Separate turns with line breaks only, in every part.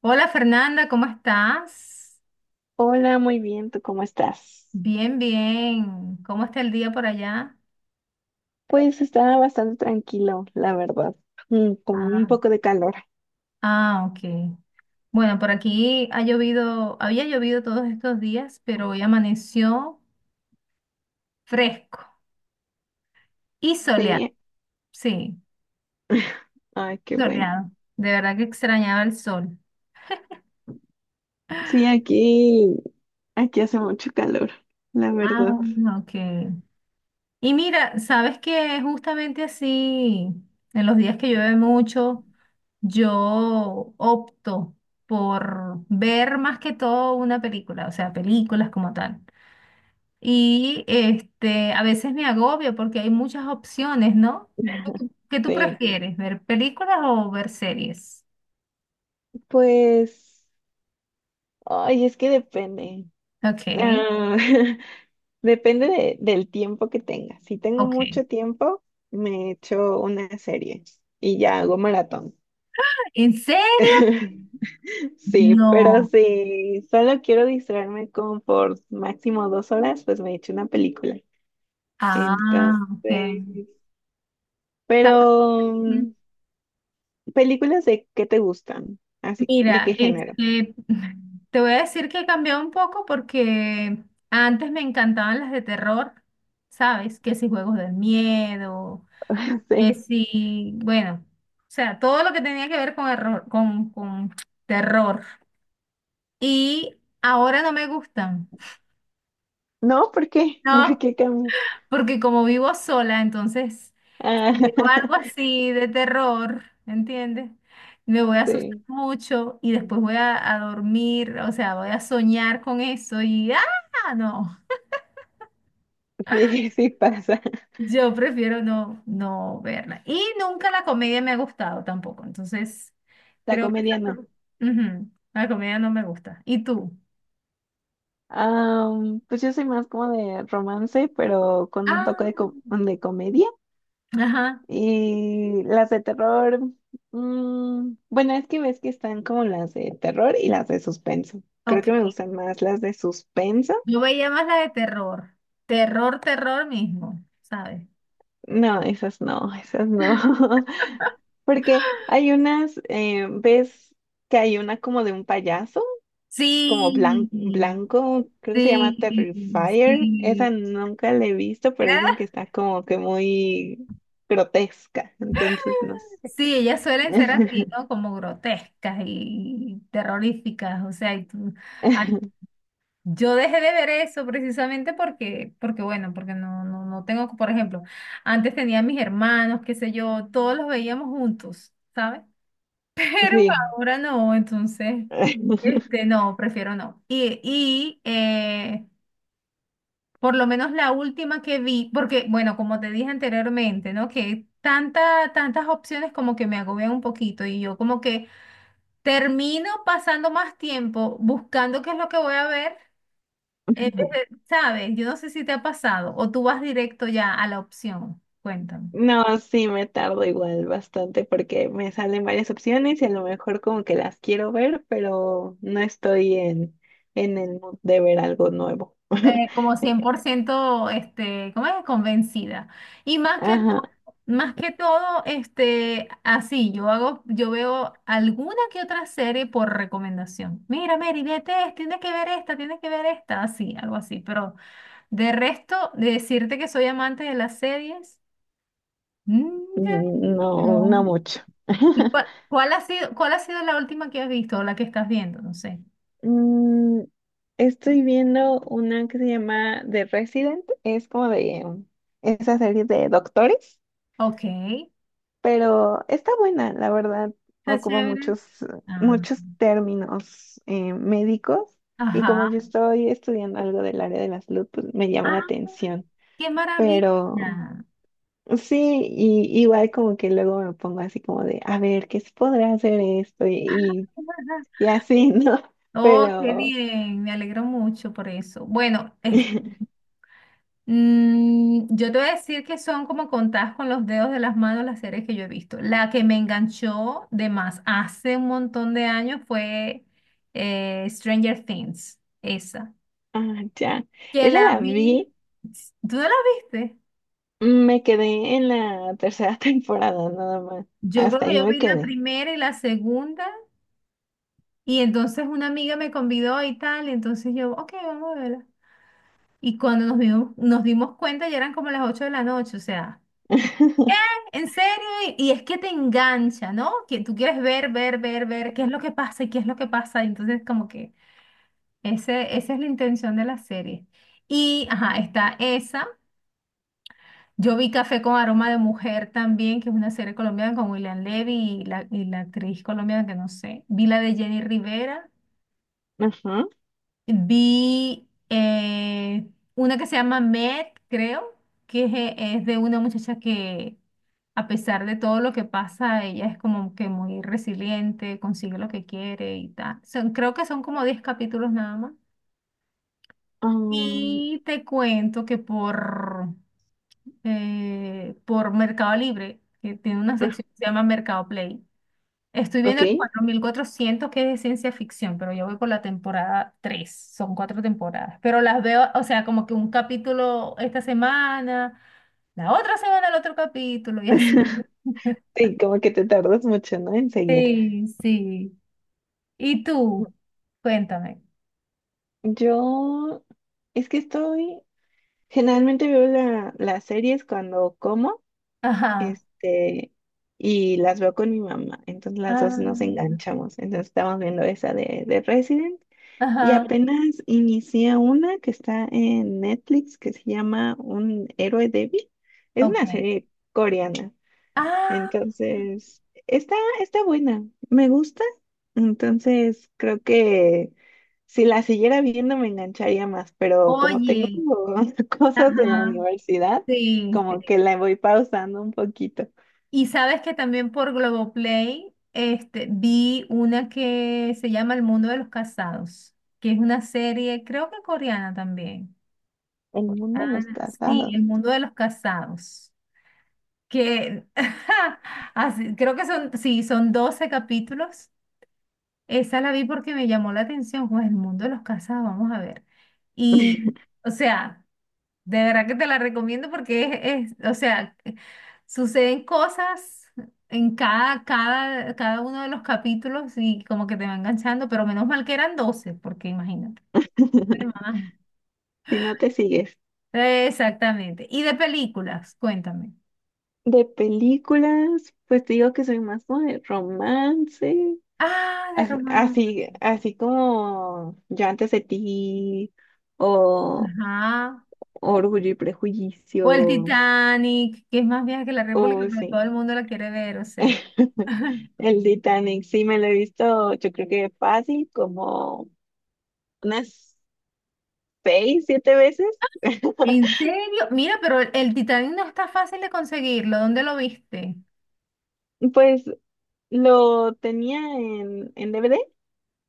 Hola Fernanda, ¿cómo estás?
Hola, muy bien, ¿tú cómo estás?
Bien, bien. ¿Cómo está el día por allá?
Pues estaba bastante tranquilo, la verdad, con un
Ah,
poco de calor.
ah, ok. Bueno, por aquí ha llovido, había llovido todos estos días, pero hoy amaneció fresco y
Sí,
soleado.
¿eh?
Sí,
Ay, qué bueno.
soleado. De verdad que extrañaba el sol.
Sí, aquí hace mucho calor, la verdad.
Ah, ok. Y mira, sabes que justamente así, en los días que llueve mucho, yo opto por ver más que todo una película, o sea, películas como tal. Y este, a veces me agobio porque hay muchas opciones, ¿no? ¿Qué tú
Sí,
prefieres, ver películas o ver series?
pues, ay, es que depende.
Ok,
Ah, depende del tiempo que tenga. Si tengo
ok.
mucho tiempo, me echo una serie y ya hago maratón.
¿En serio?
Sí, pero
No.
si solo quiero distraerme como por máximo 2 horas, pues me echo una película.
Ah,
Entonces,
ok.
pero películas de qué te gustan, así, ¿de
Mira,
qué género?
este, te voy a decir que he cambiado un poco porque antes me encantaban las de terror, ¿sabes? Que si juegos del miedo, que
Sí.
si, bueno, o sea, todo lo que tenía que ver con error, con terror. Y ahora no me gustan,
No, ¿por qué? ¿Por
¿no?
qué cambia?
Porque como vivo sola, entonces
Ah,
digo algo así de terror, ¿entiendes? Me voy a asustar
sí,
mucho y después voy a dormir, o sea, voy a soñar con eso y ¡ah! No,
sí, sí pasa.
yo prefiero no verla. Y nunca la comedia me ha gustado tampoco, entonces
La
creo que
comedia no.
esa- Ujú, la comedia no me gusta. ¿Y tú?
Ah, pues yo soy más como de romance, pero con un toque
Ah,
de comedia.
ajá,
Y las de terror, bueno, es que ves que están como las de terror y las de suspenso. Creo
ok.
que me gustan más las de suspenso.
Yo veía más la de terror, terror, terror mismo, ¿sabes?
No, esas no, esas no. Porque hay unas, ves que hay una como de un payaso, como
Sí,
blanco, creo que se llama
Sí,
Terrifier. Esa
sí.
nunca la he visto, pero dicen que está como que muy grotesca. Entonces, no sé.
Sí, ellas suelen ser así, ¿no? Como grotescas y terroríficas, o sea, ah, yo dejé de ver eso precisamente porque, bueno, porque no, no, no tengo, por ejemplo, antes tenía mis hermanos, qué sé yo, todos los veíamos juntos, ¿sabes? Pero
Sí.
ahora no, entonces, este, no, prefiero no. Por lo menos la última que vi, porque, bueno, como te dije anteriormente, ¿no? Que tanta, tantas opciones como que me agobian un poquito y yo como que termino pasando más tiempo buscando qué es lo que voy a ver, ¿sabes? Yo no sé si te ha pasado o tú vas directo ya a la opción. Cuéntame.
No, sí, me tardo igual bastante porque me salen varias opciones y a lo mejor como que las quiero ver, pero no estoy en el mood de ver algo nuevo.
Como cien por ciento este, ¿cómo es? Convencida. Y
Ajá,
más que todo, este, así, yo hago, yo veo alguna que otra serie por recomendación. Mira, Mary, vete esta, tienes que ver esta, tienes que ver esta, así, algo así. Pero de resto, de decirte que soy amante de las series, mm, ya
no, no
no.
mucho.
¿Y cuál ha sido la última que has visto o la que estás viendo? No sé.
Mm, estoy viendo una que se llama The Resident, es como de esa serie de doctores.
Ok, está
Pero está buena, la verdad. Ocupa
chévere. Ah,
muchos términos médicos, y como
ajá.
yo estoy estudiando algo del área de la salud, pues me llama
Ah.
la atención.
¡Qué
Pero
maravilla!
sí, y, igual como que luego me pongo así como de, a ver, ¿qué se podrá hacer esto? Y, y, y así, ¿no?
Oh, qué
Pero,
bien, me alegro mucho por eso. Bueno, este, yo te voy a decir que son como contadas con los dedos de las manos las series que yo he visto. La que me enganchó de más hace un montón de años fue Stranger Things, esa,
ah, ya,
que
esa
la
la
vi,
vi,
¿tú no la viste?
me quedé en la tercera temporada nada más.
Yo creo
Hasta
que
ahí
yo
me
vi la
quedé.
primera y la segunda, y entonces una amiga me convidó y tal, y entonces yo, ok, vamos a verla. Y cuando nos dimos cuenta ya eran como las 8 de la noche, o sea, en serio, y, es que te engancha, ¿no? Que tú quieres ver, ver, ver, ver qué es lo que pasa y qué es lo que pasa. Y entonces, como que esa es la intención de la serie. Y, ajá, está esa. Yo vi Café con Aroma de Mujer también, que es una serie colombiana con William Levy y la actriz colombiana que no sé. Vi la de Jenny Rivera.
Ajá.
Vi una que se llama Med, creo, que es es de una muchacha que, a pesar de todo lo que pasa, ella es como que muy resiliente, consigue lo que quiere y tal. Creo que son como 10 capítulos nada más.
Um,
Y te cuento que por Mercado Libre, que tiene una
ah,
sección que se llama Mercado Play, estoy
ok.
viendo el 4400, que es de ciencia ficción, pero yo voy por la temporada tres. Son cuatro temporadas, pero las veo, o sea, como que un capítulo esta semana, la otra semana el otro capítulo y así.
Sí, como que te tardas mucho, ¿no? En seguir.
Sí, sí. ¿Y tú? Cuéntame.
Yo es que estoy, generalmente veo las series cuando como,
Ajá.
este, y las veo con mi mamá. Entonces las dos nos
Ah,
enganchamos. Entonces estamos viendo esa de Resident, y
ajá.
apenas inicié una que está en Netflix que se llama Un héroe débil. Es
Ok.
una serie coreana.
Ah,
Entonces, está buena, me gusta. Entonces, creo que si la siguiera viendo me engancharía más, pero como tengo
oye.
cosas de la
Ajá.
universidad,
Sí,
como que la voy pausando un poquito.
y sabes que también por Globoplay este, vi una que se llama El Mundo de los Casados, que es una serie, creo que coreana también.
El mundo de
Ah,
los
sí, El
casados.
Mundo de los Casados, que así, creo que son, sí, son 12 capítulos. Esa la vi porque me llamó la atención, pues El Mundo de los Casados, vamos a ver. Y, o sea, de verdad que te la recomiendo porque o sea, que suceden cosas en cada uno de los capítulos, y como que te va enganchando, pero menos mal que eran 12 porque imagínate. De más.
Si no te sigues.
Exactamente. Y de películas, cuéntame.
De películas, pues te digo que soy más como de romance,
Ah, de romance.
así, así como Yo antes de ti, o
Ajá.
Orgullo y
O el
Prejuicio.
Titanic, que es más vieja que la República,
Oh,
pero todo
sí.
el mundo la quiere ver, o sea.
El Titanic, sí me lo he visto, yo creo que fácil, como unas 6, 7 veces.
¿En serio? Mira, pero el Titanic no está fácil de conseguirlo. ¿Dónde lo viste?
Pues lo tenía en DVD.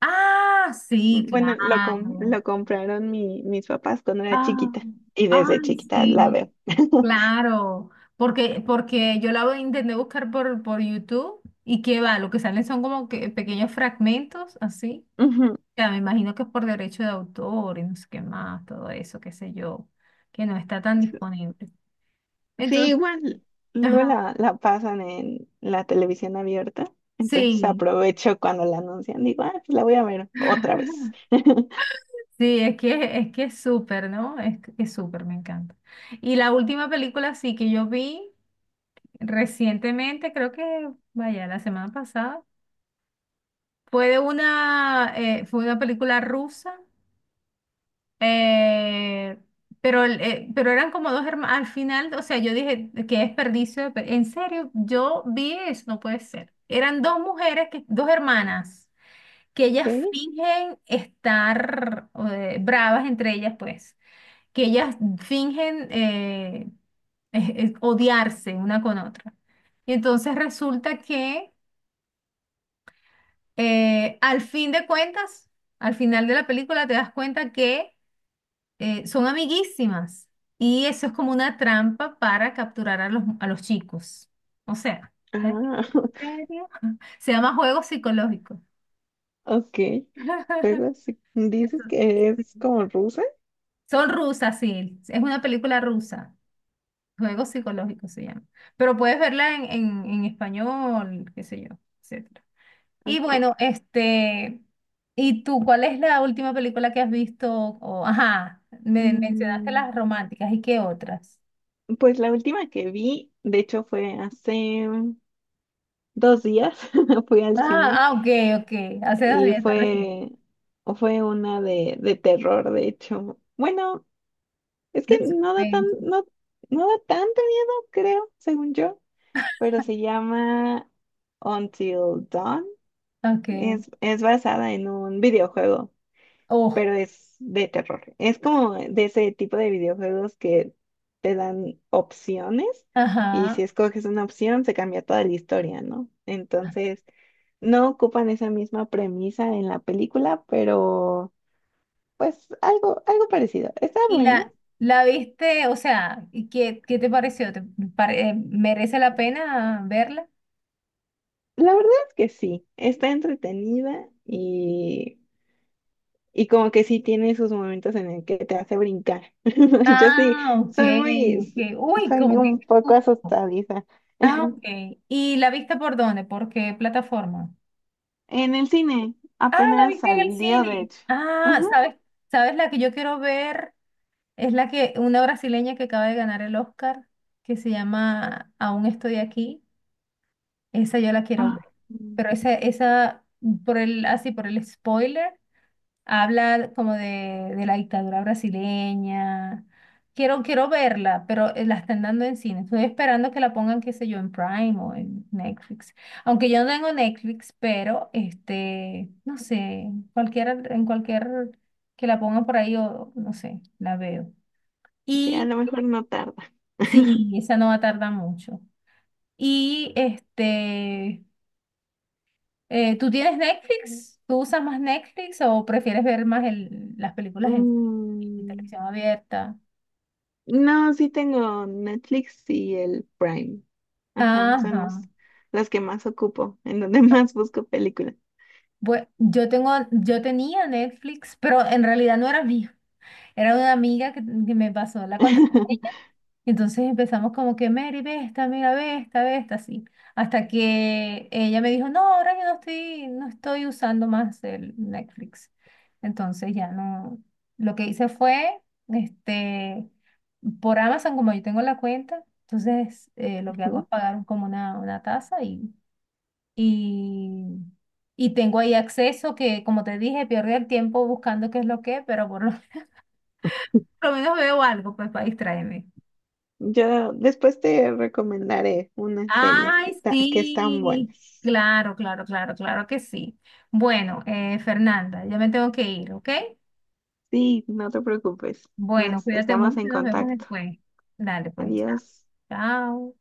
Ah, sí,
Bueno, lo, com-
claro.
lo compraron mis papás cuando era
Ah,
chiquita, y desde
ay,
chiquita la
sí,
veo.
claro. Porque, yo la voy intenté buscar por YouTube y qué va, lo que salen son como que pequeños fragmentos así.
Ujú.
Ya me imagino que es por derecho de autor y no sé qué más, todo eso, qué sé yo, que no está tan disponible.
Sí,
Entonces,
igual. Luego
ajá,
la pasan en la televisión abierta. Entonces
sí.
aprovecho cuando la anuncian. Digo, ah, pues la voy a ver otra vez.
Sí, es que es súper, ¿no? Que es súper, me encanta. Y la última película sí que yo vi. Recientemente, creo que, vaya, la semana pasada, fue una película rusa, eh, pero eran como dos hermanos, al final, o sea, yo dije, qué desperdicio, en serio, yo vi eso, no puede ser. Eran dos mujeres, dos hermanas, que ellas
Ok.
fingen estar bravas entre ellas, pues, que ellas fingen eh, odiarse una con otra. Y entonces resulta que al fin de cuentas, al final de la película te das cuenta que son amiguísimas, y eso es como una trampa para capturar a los chicos. O sea, ¿en
Ah,
serio? Se llama juego psicológico.
ok. Juegos. Sí. Dices
Entonces,
que es
sí.
como rusa.
Son rusas, sí. Es una película rusa. Juego psicológico se llama. Pero puedes verla en español, qué sé yo, etc. Y
Ok.
bueno, este, ¿y tú cuál es la última película que has visto? O, ajá, me mencionaste
Mm,
las románticas, ¿y qué otras?
pues la última que vi, de hecho, fue hace 2 días. Fui al
Ah,
cine
ah, ok, ok, hace dos
y
días está recién.
fue, fue una de terror, de hecho. Bueno, Es
De
que no da tan,
suspenso.
no, no da tanto miedo, creo, según yo, pero se llama Until Dawn.
Ok.
Es basada en un videojuego,
Oh,
pero es de terror. Es como de ese tipo de videojuegos que te dan opciones, y si
ajá.
escoges una opción se cambia toda la historia, ¿no? Entonces, no ocupan esa misma premisa en la película, pero pues algo parecido. Está
¿Y
buena.
la viste? O sea, ¿y qué te pareció? ¿Merece la pena verla?
La verdad es que sí, está entretenida, y como que sí tiene sus momentos en el que te hace brincar. Yo sí,
Ah, ok,
soy muy,
ok. Uy,
soy
como que,
un
qué
poco
susto.
asustadiza.
Ah, ok. ¿Y la viste por dónde? ¿Por qué plataforma?
En el cine,
Ah, la
apenas
viste en el
salió, de
cine.
hecho.
Ah,
Ajá.
¿sabes? ¿Sabes la que yo quiero ver? Es la que una brasileña que acaba de ganar el Oscar, que se llama Aún estoy aquí. Esa yo la quiero ver.
Ah,
Pero esa, así por el spoiler, habla como de la dictadura brasileña. Quiero verla, pero la están dando en cine. Estoy esperando que la pongan, qué sé yo, en Prime o en Netflix. Aunque yo no tengo Netflix, pero este, no sé, cualquiera, en cualquier que la pongan por ahí, o no sé, la veo.
sí, a
Y
lo mejor no tarda.
sí, esa no va a tardar mucho. Y este, ¿tú tienes Netflix? ¿Tú usas más Netflix o prefieres ver más las películas en
Mm,
televisión abierta?
no, sí tengo Netflix y el Prime. Ajá, son
Ajá.
las que más ocupo, en donde más busco películas.
Bueno, yo tenía Netflix, pero en realidad no era mío. Era una amiga que me pasó la contraseña. Entonces empezamos como que, Mary, ve esta, mira, ve esta, así. Hasta que ella me dijo, no, ahora yo no estoy usando más el Netflix. Entonces ya no. Lo que hice fue, este, por Amazon, como yo tengo la cuenta, entonces lo que hago es pagar como una tasa y y, y tengo ahí acceso que, como te dije, pierdo el tiempo buscando qué es lo que, pero por lo, por lo menos veo algo pues para distraerme.
Yo después te recomendaré unas series que,
Ay,
está, que están
sí.
buenas.
Claro, claro, claro, claro que sí. Bueno, Fernanda, ya me tengo que ir, ¿ok?
Sí, no te preocupes.
Bueno,
Nos
cuídate
estamos
mucho
en
y nos vemos
contacto.
después. Dale, pues, chao.
Adiós.
Chao.